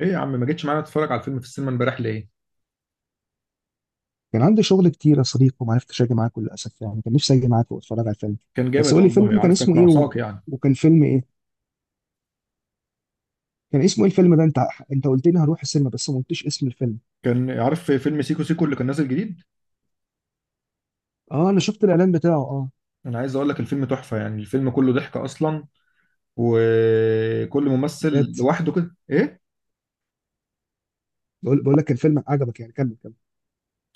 ايه يا عم ما جيتش معانا تتفرج على الفيلم في السينما امبارح ليه؟ كان عندي شغل كتير يا صديقي وما عرفتش اجي معاك للاسف، يعني كان نفسي اجي معاك واتفرج على الفيلم. كان بس جامد قول لي، والله، فيلم كان عارف كانت اسمه ايه و... ناقصاك يعني. وكان فيلم ايه كان اسمه ايه الفيلم ده؟ انت قلت لي هروح السينما بس ما قلتش اسم الفيلم. كان عارف في فيلم سيكو سيكو اللي كان نازل جديد. اه انا شفت الاعلان بتاعه، اه. انا عايز اقول لك الفيلم تحفة يعني، الفيلم كله ضحك اصلا. وكل ممثل بجد. لوحده كده ايه؟ بقول لك، كان فيلم عجبك يعني؟ كمل كمل.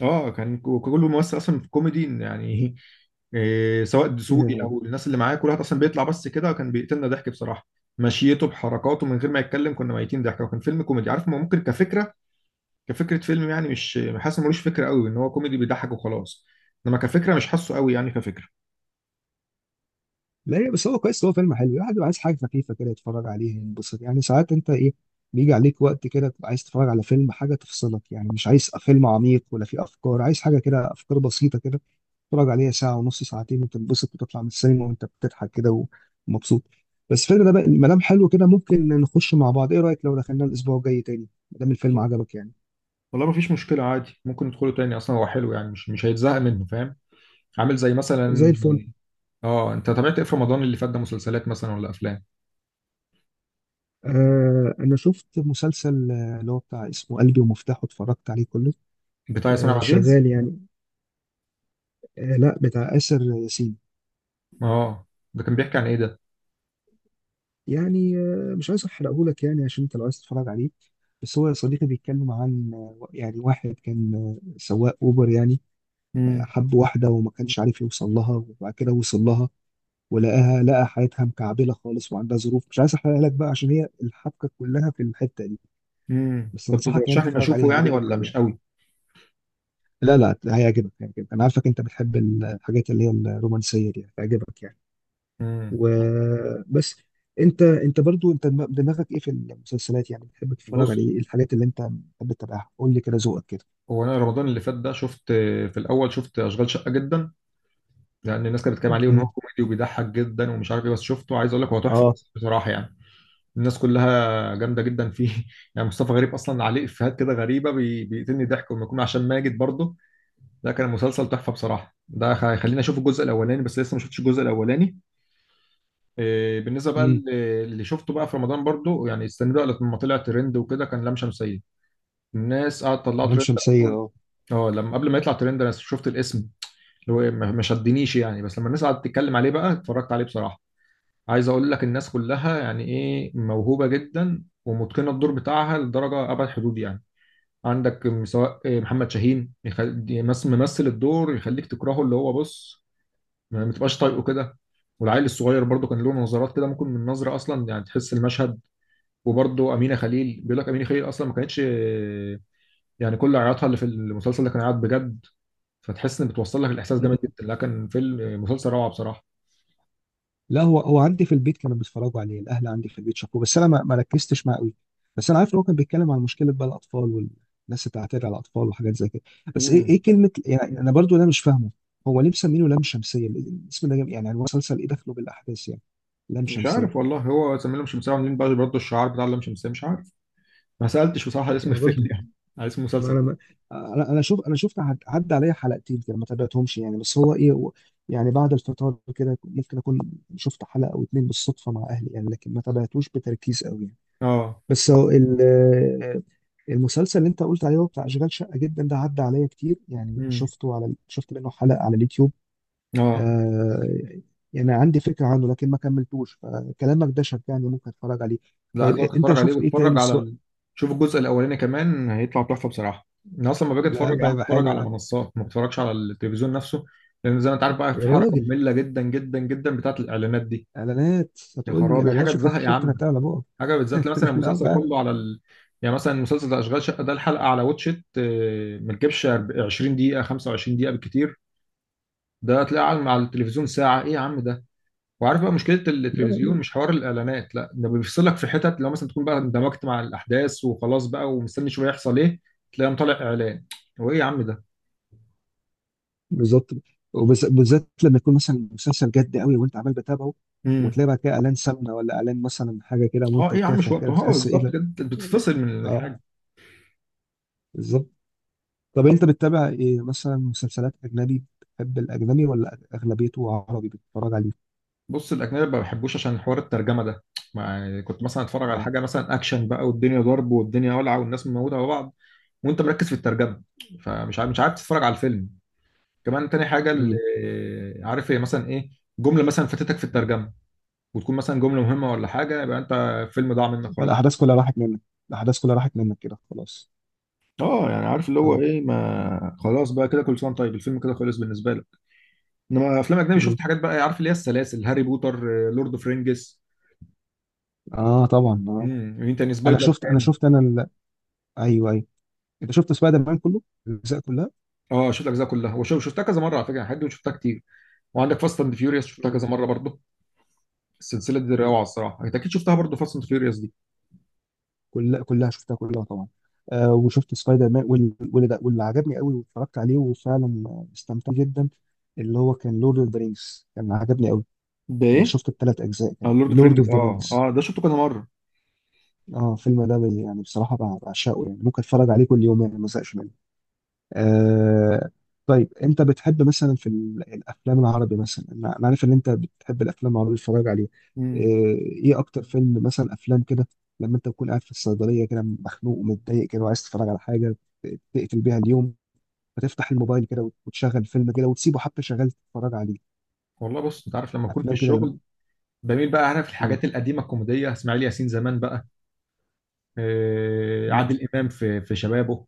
اه كان كل ممثل اصلا في كوميدي يعني سواء دسوقي مم. او الناس اللي معاه، كل واحد اصلا بيطلع بس كده كان بيقتلنا ضحك بصراحة. مشيته بحركاته من غير ما يتكلم كنا ميتين ضحك، وكان فيلم كوميدي عارف، ما ممكن كفكرة. كفكره فيلم يعني، مش حاسس إن ملوش فكره قوي، ان هو كوميدي بيضحك وخلاص. انما كفكره مش حاسه قوي يعني كفكره. لا، هي بس هو كويس، هو فيلم حلو يعني، الواحد بيبقى عايز حاجه خفيفه كده يتفرج عليها ينبسط يعني. ساعات انت ايه، بيجي عليك وقت كده تبقى عايز تتفرج على فيلم، حاجه تفصلك يعني، مش عايز فيلم عميق ولا فيه افكار، عايز حاجه كده افكار بسيطه كده، تتفرج عليها ساعة ونص ساعتين وتنبسط وتطلع من السينما وانت بتضحك كده ومبسوط. بس الفيلم ده بقى، ما دام حلو كده ممكن نخش مع بعض. ايه رأيك لو دخلنا الأسبوع الجاي تاني ما دام الفيلم عجبك يعني؟ والله ما فيش مشكله، عادي ممكن ندخله تاني، اصلا هو حلو يعني مش هيتزهق منه فاهم. عامل زي زي مثلا. الفل. اه انت تابعت ايه في رمضان اللي فات ده؟ مسلسلات مثلا ولا افلام؟ آه أنا شفت مسلسل، اللي هو بتاع اسمه قلبي ومفتاحه، اتفرجت عليه كله. بتاع ياسمين آه عبد العزيز. شغال يعني. آه لا، بتاع آسر ياسين. اه. ده كان بيحكي عن ايه ده؟ يعني مش عايز أحرقهولك يعني عشان أنت لو عايز تتفرج عليه. بس هو يا صديقي بيتكلم عن، يعني واحد كان، سواق أوبر يعني. امم حب واحدة وما كانش عارف يوصل لها، وبعد كده وصل لها ولقاها، لقى حياتها مكعبلة خالص وعندها ظروف، مش عايز احرقها لك بقى عشان هي الحبكة كلها في الحتة دي. بس كنت انصحك يعني ترشح لي إني تتفرج عليها، اشوفه يعني هيعجبك ولا قوي مش يعني. قوي؟ لا لا، هيعجبك هيعجبك، انا عارفك انت بتحب الحاجات اللي هي الرومانسية دي، هتعجبك يعني. امم وبس. انت برضو انت دماغك ايه في المسلسلات يعني؟ بتحب تتفرج بص، على ايه؟ الحاجات اللي انت بتحب تتابعها قول لي كده، ذوقك كده. هو انا رمضان اللي فات ده شفت. في الاول شفت اشغال شقه جدا، لان الناس كانت بتتكلم م- عليه ان هو م. كوميدي وبيضحك جدا ومش عارف ايه، بس شفته، عايز اقول لك هو تحفه اه. بس بصراحه يعني. الناس كلها جامده جدا فيه يعني مصطفى غريب اصلا عليه افيهات كده غريبه بيقتلني ضحك، وما يكون عشان ماجد برضه. ده كان مسلسل تحفه بصراحه. ده هيخليني اشوف الجزء الاولاني، بس لسه ما شفتش الجزء الاولاني. بالنسبه بقى امم. اللي شفته بقى في رمضان برضه، يعني استنى بقى لما طلع ترند وكده، كان لام شمسيه. الناس قعدت تطلعه لام ترند شمسية اصلا. اه. اه، لما قبل ما يطلع ترند انا شفت الاسم، اللي هو ما شدنيش يعني، بس لما الناس قعدت تتكلم عليه بقى اتفرجت عليه بصراحه. عايز اقول لك الناس كلها يعني ايه، موهوبه جدا ومتقنه الدور بتاعها لدرجه ابعد حدود يعني. عندك سواء محمد شاهين، ممثل الدور يخليك تكرهه، اللي هو بص، ما تبقاش طايقه كده. والعيل الصغير برضه كان له نظرات كده، ممكن من نظره اصلا يعني تحس المشهد. وبرضه امينه خليل، بيقول لك امينه خليل اصلا ما كانتش، يعني كل عياطها اللي في المسلسل ده كان عياط بجد، فتحس ان بتوصل لك الاحساس جامد جدا، لكن فيلم مسلسل روعه لا، هو عندي في البيت كانوا بيتفرجوا عليه، الاهل عندي في البيت شافوه بس انا ما ركزتش معاه قوي. بس انا عارف ان هو كان بيتكلم عن مشكله بقى الاطفال والناس اللي بتعتدي على الاطفال وحاجات زي كده. بس ايه، بصراحه. كلمه يعني؟ انا برضو ده مش فاهمه، هو ليه مسمينه لام شمسيه؟ الاسم ده جامد، يعني المسلسل ايه دخله بالاحداث يعني؟ لام مش عارف شمسيه. والله، هو زميله مش مسامح عاملين بقى برضه الشعار بتاع اللام شمسية، مش عارف، ما سألتش بصراحة على اسم يعني برضو، الفيلم يعني على اسم ما المسلسل. انا ما انا انا شوف انا شفت عدى عليا حلقتين كده، ما تابعتهمش يعني. بس هو ايه، يعني بعد الفطار كده ممكن اكون شفت حلقه او اتنين بالصدفه مع اهلي، يعني لكن ما تابعتوش بتركيز قوي يعني. اه. بس هو المسلسل اللي انت قلت عليه، هو بتاع اشغال شقه جدا ده، عدى عليا كتير يعني، امم. شفت منه حلقه على اليوتيوب. اه. آه، يعني عندي فكره عنه لكن ما كملتوش، فكلامك ده شجعني ممكن اتفرج عليه. لا طيب عايز اقولك انت اتفرج عليه، شفت ايه واتفرج تاني على سواء؟ ال. شوف الجزء الاولاني كمان هيطلع تحفة بصراحة. انا اصلا لما باجي لا اتفرج بقى، عم يبقى اتفرج حلو على ده. منصات، ما بتفرجش على التلفزيون نفسه، لان زي ما انت عارف بقى، في يا حركة راجل، مملة جدا جدا جدا بتاعت الاعلانات دي. اعلانات؟ يا هتقول لي خرابي، اعلانات؟ حاجة شفتك تزهق يا شفتك عم. هتعلى بقى. حاجة بتزهق، تلاقي مثلا لا المسلسل فعلا. كله على ال. يعني مثلا مسلسل ده اشغال شقة ده، الحلقة على واتشت ما تجيبش 20 دقيقة 25 دقيقة بالكتير، ده تلاقيه على التلفزيون ساعة، ايه يا عم ده. وعارف بقى مشكلة التلفزيون، مش حوار الإعلانات لا، ده بيفصلك في حتت، لو مثلا تكون بقى اندمجت مع الأحداث وخلاص بقى ومستني شوية يحصل ايه، تلاقيه طالع إعلان. هو ايه يا عم ده. بالظبط، وبالذات لما يكون مثلا مسلسل جد قوي وانت عمال بتابعه، امم. وتلاقي بقى كده اعلان سمنه، ولا اعلان مثلا حاجه كده اه ايه منتج يا عم مش تافه كده، وقته، هو بتحس ايه بالظبط ده؟ كده أنت بتتفصل من اه الحاجة. بالظبط. طب انت بتتابع ايه مثلا؟ مسلسلات اجنبي بتحب الاجنبي ولا اغلبيته عربي بتتفرج عليه؟ بص، الأجنبي ما بحبوش عشان حوار الترجمة ده، ما يعني كنت مثلا اتفرج على اه. حاجة مثلا أكشن بقى والدنيا ضرب والدنيا ولعة والناس مموتة على بعض، وأنت مركز في الترجمة، فمش عارف مش عارف تتفرج على الفيلم. كمان تاني حاجه، اللي امم. عارف، هي مثلا ايه جمله مثلا فاتتك في الترجمه، وتكون مثلا جمله مهمه ولا حاجه، يبقى انت الفيلم ضاع منك خلاص. فالاحداث كلها راحت منك، كده خلاص. اه يعني عارف اللي هو اه. ايه، ما خلاص بقى كده، كل سنه وأنت طيب، الفيلم كده خلص بالنسبه لك. انما افلام اجنبي امم. شفت حاجات بقى، عارف اللي هي السلاسل، هاري بوتر، لورد اوف رينجز. اه طبعا اه. امم، مين تاني، انا سبايدر شفت انا مان. شفت انا ال... ايوه ايوه. انت شفت سبايدر مان كله، الاجزاء كلها؟ اه شفت الاجزاء كلها، وشو شفتها كذا مره على فكره، حد شفتها كتير. وعندك فاست اند فيوريوس شفتها كذا مره برضه، السلسله دي مم. روعه الصراحه، انت اكيد شفتها برضه فاست اند فيوريوس دي. كلها كلها شفتها كلها طبعا. آه وشفت سبايدر مان واللي عجبني قوي واتفرجت عليه وفعلا، استمتعت جدا، اللي هو كان لورد اوف ذا رينجز، كان عجبني قوي. ده ايه؟ شفت الثلاث اجزاء، اه كان لورد اوف لورد رينجز، اوف ذا اه رينجز. اه ده شفته كذا مره. اه الفيلم ده يعني بصراحه بعشقه يعني، ممكن اتفرج عليه كل يوم يعني ما ازهقش منه. آه. طيب انت بتحب مثلا في الافلام العربي مثلا؟ أنا عارف ان انت بتحب الافلام العربي تتفرج عليها. آه. مم. ايه اكتر فيلم مثلا؟ افلام كده لما انت تكون قاعد في الصيدليه كده، مخنوق ومتضايق كده، وعايز تتفرج على حاجه تقتل بيها اليوم، فتفتح الموبايل كده وتشغل فيلم كده، وتسيبه حتى شغال تتفرج عليه، والله بص، انت عارف لما اكون في افلام كده لما. الشغل، بميل بقى، عارف مم. الحاجات القديمه الكوميديه، اسماعيل ياسين زمان بقى، مم. عادل امام في شبابه،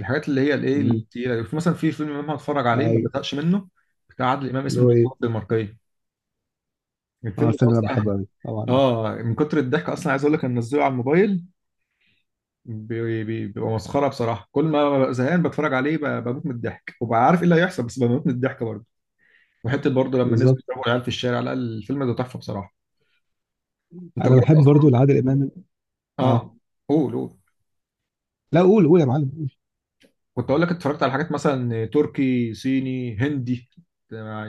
الحاجات اللي هي الايه مم. التقيله، في مثلا في فيلم امام هتفرج عليه ما ايوه. بزهقش منه. بتاع عادل امام اللي اسمه هو الدكتور ايه، الدنماركيه، اه الفيلم ده الفيلم انا اصلا. بحبه قوي طبعا. اه من كتر الضحك اصلا عايز اقول لك انا منزله على الموبايل، بيبقى مسخره بصراحه، كل ما ببقى زهقان بتفرج عليه بموت من الضحك، وببقى عارف ايه اللي هيحصل بس بموت من الضحك برضه. وحته برضه لما نزلوا بالظبط. يضربوا العيال في الشارع، لا الفيلم ده تحفه بصراحه. انت انا جربت بحب برضو اصلا. لعادل امام. اه. اه. قول قول. لا قول قول يا معلم. كنت اقول لك، اتفرجت على حاجات مثلا تركي صيني هندي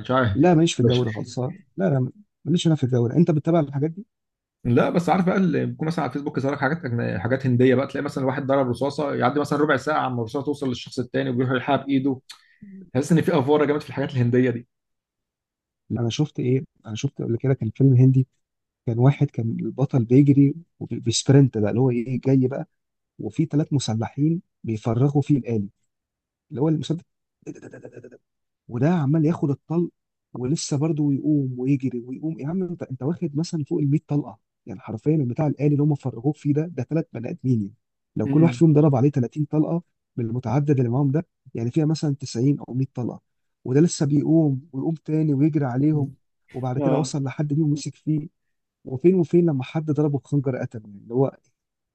مش عارف؟ لا ماليش في الجو مش- ده خالص، لا لا. ماليش انا في الجو ده. انت بتتابع الحاجات دي؟ لا بس عارف بقى اللي بيكون مثلا على الفيسبوك، يظهر لك حاجات حاجات هنديه بقى، تلاقي مثلا واحد ضرب رصاصه، يعدي مثلا ربع ساعه عما الرصاصه توصل للشخص التاني وبيروح يلحقها بايده. تحس ان في افوره جامد في الحاجات الهنديه دي. انا شفت ايه، انا شفت قبل كده كان فيلم هندي، كان واحد كان البطل بيجري وبيسبرنت بقى، اللي هو ايه جاي بقى، وفي 3 مسلحين بيفرغوا فيه الآلي اللي هو المسدس، وده عمال ياخد الطلق ولسه برضه يقوم ويجري ويقوم. يا عم انت واخد مثلا فوق ال 100 طلقه، يعني حرفيا البتاع الآلي اللي هم فرغوه فيه ده، 3 بني ادمين يعني، لو كل واحد مم. فيهم ضرب عليه 30 طلقه بالمتعدد اللي معاهم ده، يعني فيها مثلا 90 او 100 طلقه، وده لسه بيقوم ويقوم تاني ويجري عليهم، وبعد كده اه. وصل لحد فيهم مسك فيه، وفين لما حد ضربه بخنجر قتله، يعني اللي هو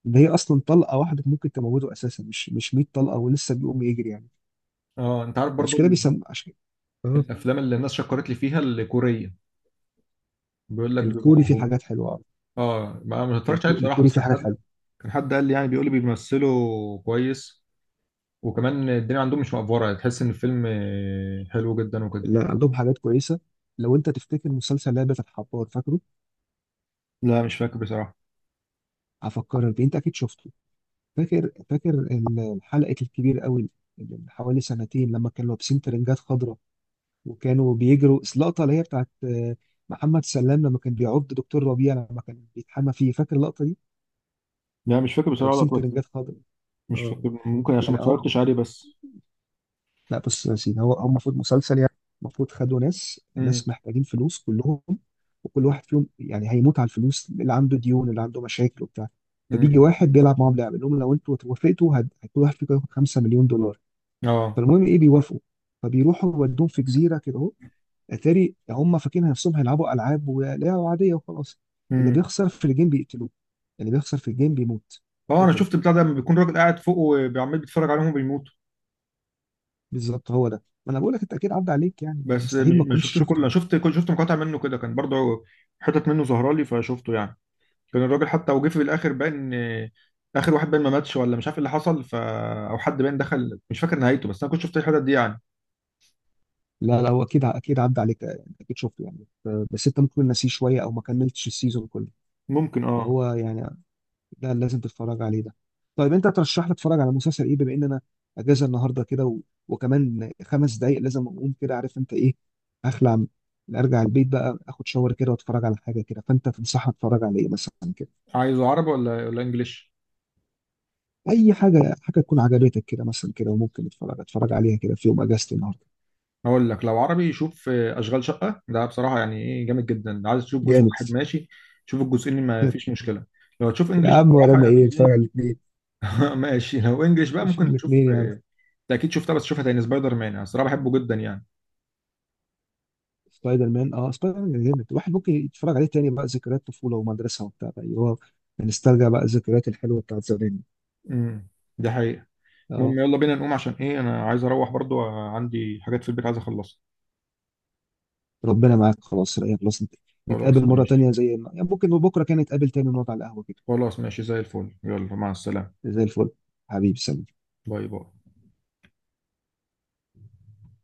ان هي اصلا طلقه واحده ممكن تموته اساسا، مش 100 طلقه ولسه بيقوم يجري يعني، اه انت عارف برضو عشان كده بيسم عشان. الافلام اللي الناس شكرت لي فيها الكوريه، بيقول لك بيبقوا الكوري فيه موهوب. حاجات حلوه أوي. اه ما اتفرجتش عليه بصراحه، الكوري بس فيه كان حاجات حد، حلوه. كان حد قال لي يعني، بيقول لي بيمثلوا كويس، وكمان الدنيا عندهم مش مقفوره، تحس ان الفيلم حلو جدا وكده. لا عندهم حاجات كويسه. لو انت تفتكر مسلسل لعبه الحبار فاكره؟ لا مش فاكر بصراحة. هفكرك بيه، انت اكيد شفته. فاكر حلقه الكبير قوي، اللي من حوالي سنتين لما كانوا لابسين ترنجات خضراء، وكانوا بيجروا اللقطه اللي هي بتاعت، محمد سلام لما كان بيعض دكتور ربيع لما كان بيتحمى فيه، فاكر اللقطه دي؟ لا مش فاكر كانوا بصراحة بقى لابسين كويس. ترنجات خضراء. مش اه فاكر، ممكن عشان يعني، ما اتفرجتش عليه بس. لا بص يا سيدي، هو المفروض مسلسل يعني، المفروض خدوا ناس امم. ناس محتاجين فلوس كلهم، وكل واحد فيهم يعني هيموت على الفلوس، اللي عنده ديون، اللي عنده مشاكل وبتاع، فبيجي امم. واحد بيلعب معاهم لعبه يقول لهم لو انتوا وافقتوا كل واحد فيكم هياخد 5 مليون دولار. اه. فالمهم ايه، بيوافقوا، فبيروحوا يودوهم في جزيره كده اهو، اتاري هم فاكرين نفسهم هيلعبوا العاب ولعبه عاديه وخلاص، اللي امم. بيخسر في الجيم بيقتلوه، اللي بيخسر في الجيم بيموت. اه انا قتل، شفت بتاع ده لما بيكون راجل قاعد فوق وعمال بيتفرج عليهم وبيموتوا. بالظبط، هو ده، ما انا بقول لك، انت اكيد عدى عليك يعني، انت بس مستحيل ما ما تكونش شفتوش كله، شفته. انا شفت كل شفت مقاطع منه كده، كان برضه حتت منه ظاهره لي فشفته يعني. كان الراجل حتى وجه في الاخر باين اخر واحد باين ما ماتش، ولا مش عارف ايه اللي حصل، ف او حد باين دخل، مش فاكر نهايته، بس انا كنت شفت الحتت دي يعني. لا لا هو اكيد اكيد عدى عليك يعني، اكيد شفته يعني، بس انت ممكن ناسيه شويه او ما كملتش السيزون كله، ممكن اه. فهو يعني، لا لازم تتفرج عليه ده. طيب انت ترشح لي اتفرج على مسلسل ايه بما ان انا اجازه النهارده كده و... وكمان 5 دقايق لازم اقوم كده عارف انت ايه، هخلع ارجع البيت بقى، اخد شاور كده واتفرج على حاجه كده، فانت تنصحني اتفرج على ايه مثلا كده؟ عايزه عربي ولا انجليش؟ اي حاجه، حاجه تكون عجبتك كده مثلا كده، وممكن اتفرج عليها كده في يوم اجازتي النهارده. هقول لك لو عربي شوف اشغال شقه ده بصراحه يعني ايه، جامد جدا، عايز تشوف جزء جامد. واحد ماشي، شوف الجزئين ما فيش مشكله. لو تشوف يا انجليش عم بصراحه ورانا ايه، يعني اتفرج على ايه الاثنين. ماشي لو انجليش بقى، نشوف ممكن تشوف الاثنين يا عم. انت اكيد شفتها بس شوفها تاني، سبايدر مان، انا الصراحه بحبه جدا يعني. سبايدر مان، اه سبايدر مان جامد، الواحد ممكن يتفرج عليه تاني بقى، ذكريات طفوله ومدرسه وبتاع بقى، هو بنسترجع بقى الذكريات الحلوه بتاعت زمان. امم. دي حقيقه. المهم اه. يلا بينا نقوم، عشان ايه انا عايز اروح برضو، عندي حاجات في البيت عايز اخلصها. ربنا معاك، خلاص رأيك، خلاص نتقابل خلاص مره ماشي. تانيه زي ما، يعني ممكن بكره كان نتقابل تاني ونقعد على القهوه كده. خلاص ماشي، زي الفل، يلا مع السلامه. زي الفل. حبيبي سلام. باي باي.